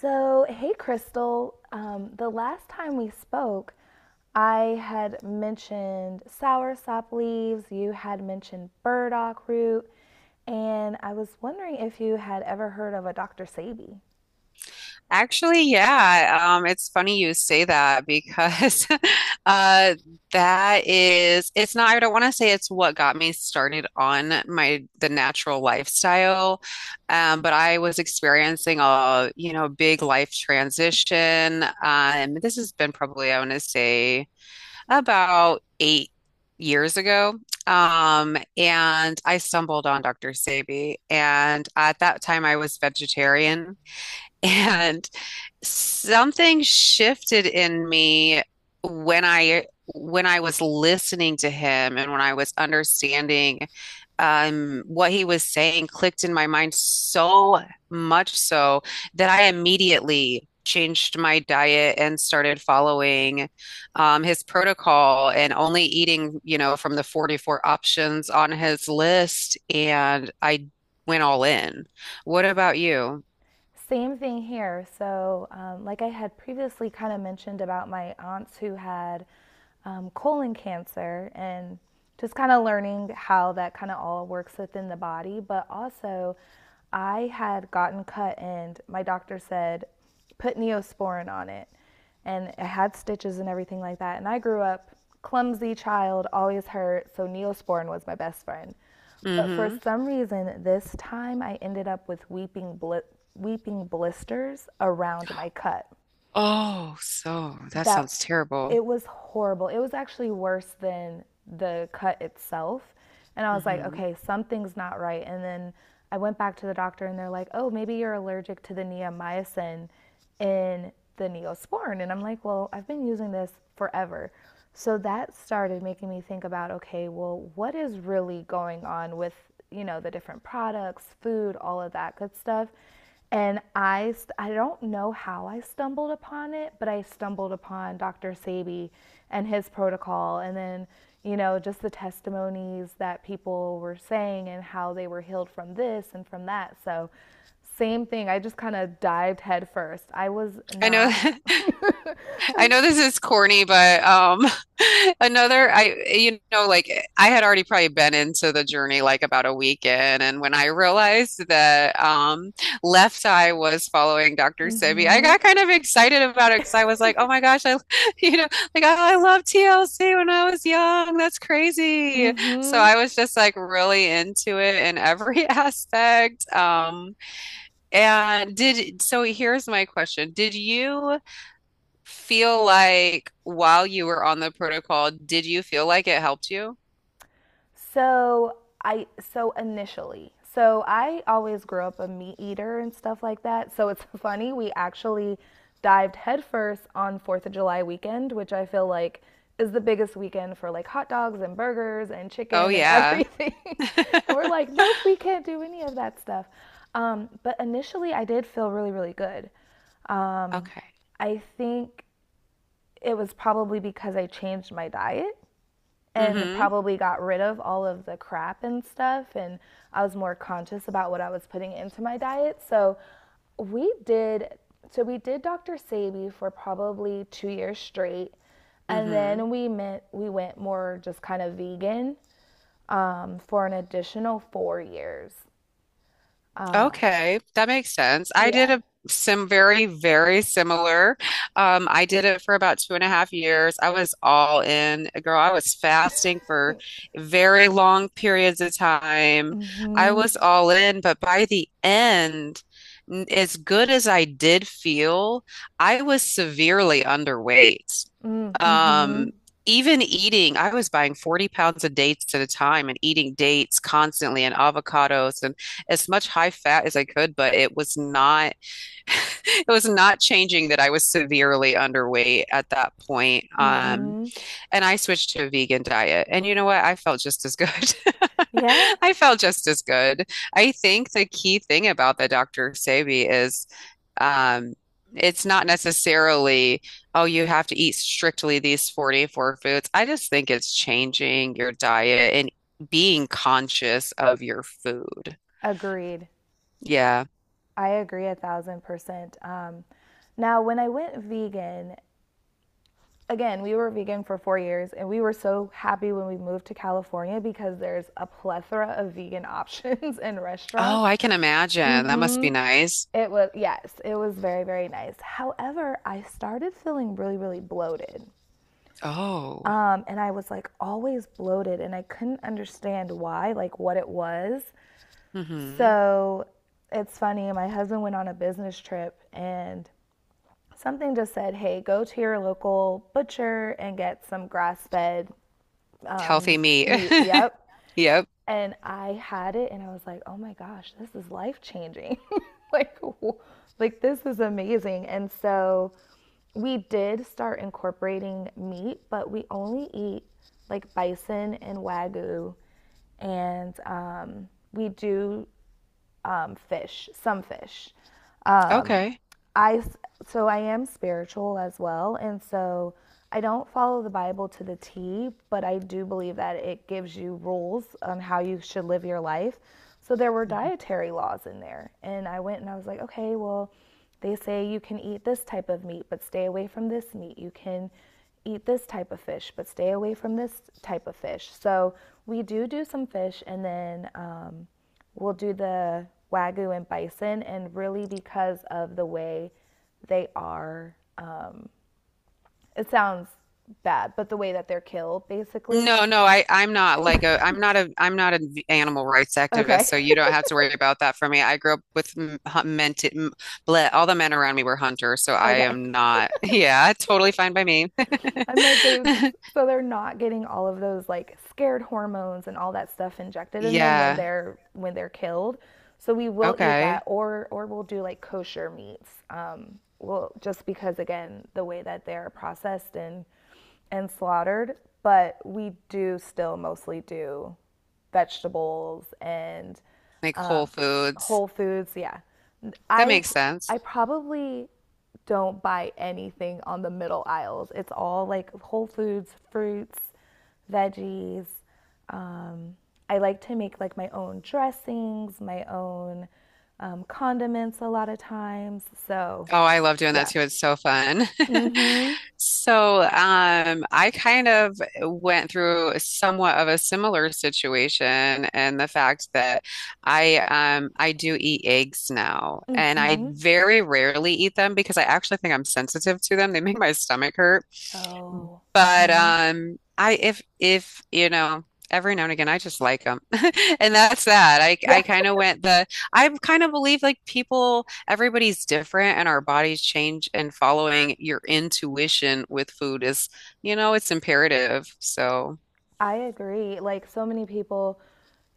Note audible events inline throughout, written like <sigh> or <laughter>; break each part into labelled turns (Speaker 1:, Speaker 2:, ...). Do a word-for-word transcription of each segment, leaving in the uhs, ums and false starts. Speaker 1: So, hey, Crystal. Um, the last time we spoke, I had mentioned sour sop leaves, you had mentioned burdock root, and I was wondering if you had ever heard of a Doctor Sabi.
Speaker 2: Actually, yeah. Um, it's funny you say that because <laughs> uh, that is, it's not, I don't want to say it's what got me started on my the natural lifestyle. Um, but I was experiencing a, you know, big life transition. Um, this has been probably, I want to say, about eight years ago. Um, and I stumbled on doctor Sebi. And at that time, I was vegetarian. <laughs> And something shifted in me when I when I was listening to him and when I was understanding um, what he was saying clicked in my mind so much so that I immediately changed my diet and started following um, his protocol and only eating, you know, from the forty-four options on his list. And I went all in. What about you?
Speaker 1: Same thing here. So, um, like I had previously kind of mentioned about my aunts who had um, colon cancer and just kind of learning how that kind of all works within the body. But also, I had gotten cut, and my doctor said, put neosporin on it. And I had stitches and everything like that. And I grew up clumsy child, always hurt. So, neosporin was my best friend. But for
Speaker 2: Mm-hmm.
Speaker 1: some reason, this time I ended up with weeping, bli- weeping blisters around my cut
Speaker 2: Oh, so that
Speaker 1: that
Speaker 2: sounds terrible.
Speaker 1: it was horrible. It was actually worse than the cut itself. And I was like,
Speaker 2: Hmm.
Speaker 1: okay, something's not right. And then I went back to the doctor and they're like, oh, maybe you're allergic to the neomycin in the neosporin. And I'm like, well, I've been using this forever. So that started making me think about, okay, well, what is really going on with, you know, the different products, food, all of that good stuff. And I, I don't know how I stumbled upon it, but I stumbled upon Doctor Sabi and his protocol, and then, you know, just the testimonies that people were saying and how they were healed from this and from that. So, same thing. I just kind of dived headfirst. I was
Speaker 2: I know,
Speaker 1: not.
Speaker 2: <laughs> I know this is corny, but um, <laughs> another, I, you know, like eh, I had already probably been into the journey like about a weekend, and when I realized that um, Left Eye was following doctor
Speaker 1: Mm
Speaker 2: Sebi, I
Speaker 1: hmm.
Speaker 2: got kind of excited about it because I was like, oh my gosh, I, <laughs> you know, like oh, I love T L C when I was young. That's crazy.
Speaker 1: Mm
Speaker 2: So
Speaker 1: hmm.
Speaker 2: I was just like really into it in every <laughs> aspect. Um, And did so here's my question. Did you feel like while you were on the protocol, did you feel like it helped you?
Speaker 1: So I so initially. So I always grew up a meat eater and stuff like that. So it's <laughs> funny we actually dived headfirst on fourth of July weekend, which I feel like is the biggest weekend for like hot dogs and burgers and
Speaker 2: Oh
Speaker 1: chicken and
Speaker 2: yeah.
Speaker 1: everything. <laughs> And we're
Speaker 2: <laughs>
Speaker 1: like, nope, we can't do any of that stuff. Um, but initially, I did feel really, really good. Um,
Speaker 2: Okay.
Speaker 1: I think it was probably because I changed my diet and
Speaker 2: Mm-hmm.
Speaker 1: probably got rid of all of the crap and stuff and I was more conscious about what I was putting into my diet. So we did so we did Doctor Sabi for probably two years straight and
Speaker 2: Mm-hmm.
Speaker 1: then we meant we went more just kind of vegan um, for an additional four years. Um,
Speaker 2: Okay, that makes sense. I did
Speaker 1: yeah.
Speaker 2: a some very, very similar. Um, I did it for about two and a half years. I was all in, girl. I was fasting for very long periods of time. I
Speaker 1: Mhm.
Speaker 2: was all in, but by the end, n- as good as I did feel, I was severely underweight.
Speaker 1: Mm,
Speaker 2: Um,
Speaker 1: mhm.
Speaker 2: even eating, I was buying forty pounds of dates at a time and eating dates constantly and avocados and as much high fat as I could, but it was not <laughs> it was not changing that I was severely underweight at that point. Um,
Speaker 1: Mhm.
Speaker 2: and I switched to a vegan diet. And you know what? I felt just as good.
Speaker 1: Yeah.
Speaker 2: <laughs> I felt just as good. I think the key thing about the doctor Sebi is um, it's not necessarily, oh, you have to eat strictly these forty-four foods. I just think it's changing your diet and being conscious of your food.
Speaker 1: Agreed.
Speaker 2: Yeah.
Speaker 1: I agree a thousand percent. Um, now, when I went vegan, again, we were vegan for four years, and we were so happy when we moved to California because there's a plethora of vegan options <laughs> and
Speaker 2: Oh,
Speaker 1: restaurants.
Speaker 2: I can imagine. That must
Speaker 1: Hmm.
Speaker 2: be nice.
Speaker 1: It was, yes, it was very, very nice. However, I started feeling really, really bloated.
Speaker 2: Oh.
Speaker 1: Um, and I was like always bloated, and I couldn't understand why, like what it was.
Speaker 2: Hmm.
Speaker 1: So it's funny, my husband went on a business trip and something just said, hey, go to your local butcher and get some grass fed
Speaker 2: Healthy meat.
Speaker 1: meat.
Speaker 2: <laughs>
Speaker 1: Yep.
Speaker 2: Yep.
Speaker 1: And I had it and I was like, "Oh my gosh, this is life-changing." <laughs> Like like this is amazing. And so we did start incorporating meat, but we only eat like bison and wagyu and um, we do um, fish, some fish. Um,
Speaker 2: Okay.
Speaker 1: I s- so I am spiritual as well, and so I don't follow the Bible to the T, but I do believe that it gives you rules on how you should live your life. So there were
Speaker 2: Mm-hmm.
Speaker 1: dietary laws in there, and I went and I was like, okay, well, they say you can eat this type of meat, but stay away from this meat. You can eat this type of fish, but stay away from this type of fish. So we do do some fish, and then um, we'll do the wagyu and bison, and really because of the way they are, um, it sounds bad, but the way that they're killed, basically.
Speaker 2: No, no, I I'm not like a I'm not a I'm not an animal rights activist,
Speaker 1: Okay.
Speaker 2: so you
Speaker 1: <laughs>
Speaker 2: don't have to worry about that for me. I grew up with m- hu- men to, m- ble- all the men around me were hunters, so I
Speaker 1: Okay.
Speaker 2: am not. <laughs> Yeah, totally fine by me.
Speaker 1: I'm like they
Speaker 2: <laughs>
Speaker 1: so they're not getting all of those like scared hormones and all that stuff injected in them when
Speaker 2: Yeah.
Speaker 1: they're when they're killed. So we will eat that
Speaker 2: Okay.
Speaker 1: or or we'll do like kosher meats. Um, well, just because again the way that they're processed and and slaughtered, but we do still mostly do vegetables and
Speaker 2: Like Whole
Speaker 1: um,
Speaker 2: Foods.
Speaker 1: Whole Foods. Yeah,
Speaker 2: That
Speaker 1: I
Speaker 2: makes sense.
Speaker 1: I probably don't buy anything on the middle aisles. It's all like Whole Foods, fruits, veggies. Um, I like to make like my own dressings, my own um, condiments a lot of times. So,
Speaker 2: Oh, I love doing that
Speaker 1: yeah.
Speaker 2: too. It's so fun. <laughs>
Speaker 1: Mm-hmm.
Speaker 2: So, um, I kind of went through somewhat of a similar situation and the fact that I um I do eat eggs now and I
Speaker 1: Mm-hmm.
Speaker 2: very rarely eat them because I actually think I'm sensitive to them. They make my stomach hurt.
Speaker 1: Oh.
Speaker 2: But
Speaker 1: Mm-hmm.
Speaker 2: um, I if if you know every now and again I just like them, <laughs> and that's that. I
Speaker 1: Yeah.
Speaker 2: I kind of went the I kind of believe like people everybody's different and our bodies change and following your intuition with food is you know it's imperative. So
Speaker 1: I agree. Like so many people,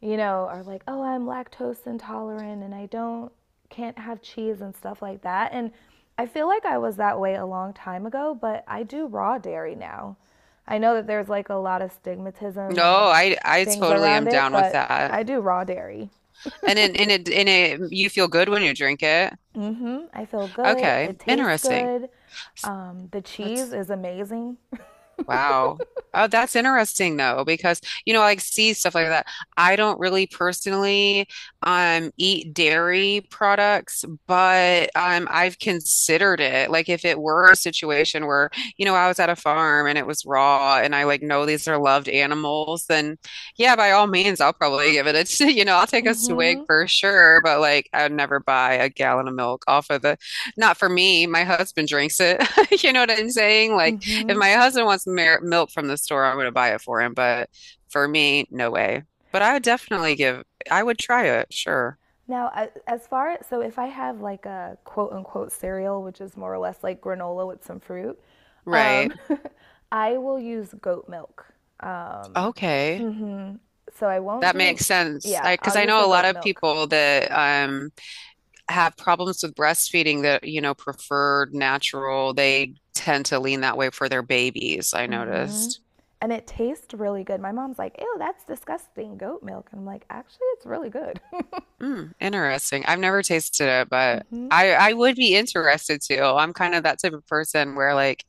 Speaker 1: you know, are like, "Oh, I'm lactose intolerant and I don't can't have cheese and stuff like that." And I feel like I was that way a long time ago, but I do raw dairy now. I know that there's like a lot of stigmatism
Speaker 2: no,
Speaker 1: and
Speaker 2: I I
Speaker 1: things
Speaker 2: totally
Speaker 1: around
Speaker 2: am
Speaker 1: it,
Speaker 2: down with
Speaker 1: but
Speaker 2: that.
Speaker 1: I do raw dairy.
Speaker 2: And in in it in it you feel good when you drink it.
Speaker 1: Mhm. I feel good.
Speaker 2: Okay,
Speaker 1: It tastes
Speaker 2: interesting.
Speaker 1: good. Um, the cheese
Speaker 2: That's
Speaker 1: is amazing.
Speaker 2: Wow. Oh, that's interesting though, because you know, like see stuff like that. I don't really personally um eat dairy products, but um I've considered it. Like if it were a situation where, you know, I was at a farm and it was raw and I like know these are loved animals, then yeah, by all means I'll probably give it a, <laughs> t- you know, I'll take a swig
Speaker 1: Mhm.
Speaker 2: for sure, but like I'd never buy a gallon of milk off of the, not for me, my husband drinks it. <laughs> You know what I'm saying? Like if
Speaker 1: Mhm.
Speaker 2: my husband wants mer milk from the store, I'm going to buy it for him. But for me, no way. But I would definitely give, I would try it, sure.
Speaker 1: Now, as far so if I have like a quote unquote cereal, which is more or less like granola with some fruit,
Speaker 2: Right.
Speaker 1: um, <laughs> I will use goat milk. Um,
Speaker 2: Okay.
Speaker 1: mhm. So I won't
Speaker 2: That
Speaker 1: do,
Speaker 2: makes sense.
Speaker 1: yeah,
Speaker 2: I,
Speaker 1: I'll
Speaker 2: because I
Speaker 1: use
Speaker 2: know
Speaker 1: the
Speaker 2: a lot
Speaker 1: goat
Speaker 2: of
Speaker 1: milk.
Speaker 2: people that um have problems with breastfeeding that, you know, prefer natural. They tend to lean that way for their babies, I
Speaker 1: Hmm.
Speaker 2: noticed.
Speaker 1: And it tastes really good. My mom's like, ew, that's disgusting, goat milk. And I'm like, actually, it's really good.
Speaker 2: Mm, interesting. I've never tasted it, but
Speaker 1: <laughs> Hmm.
Speaker 2: I I would be interested to. I'm kind of that type of person where like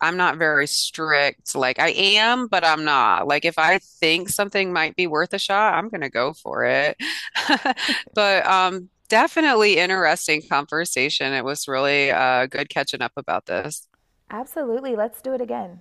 Speaker 2: I'm not very strict. Like I am, but I'm not. Like if I think something might be worth a shot, I'm gonna go for it. <laughs> But um definitely interesting conversation. It was really uh good catching up about this.
Speaker 1: Absolutely. Let's do it again.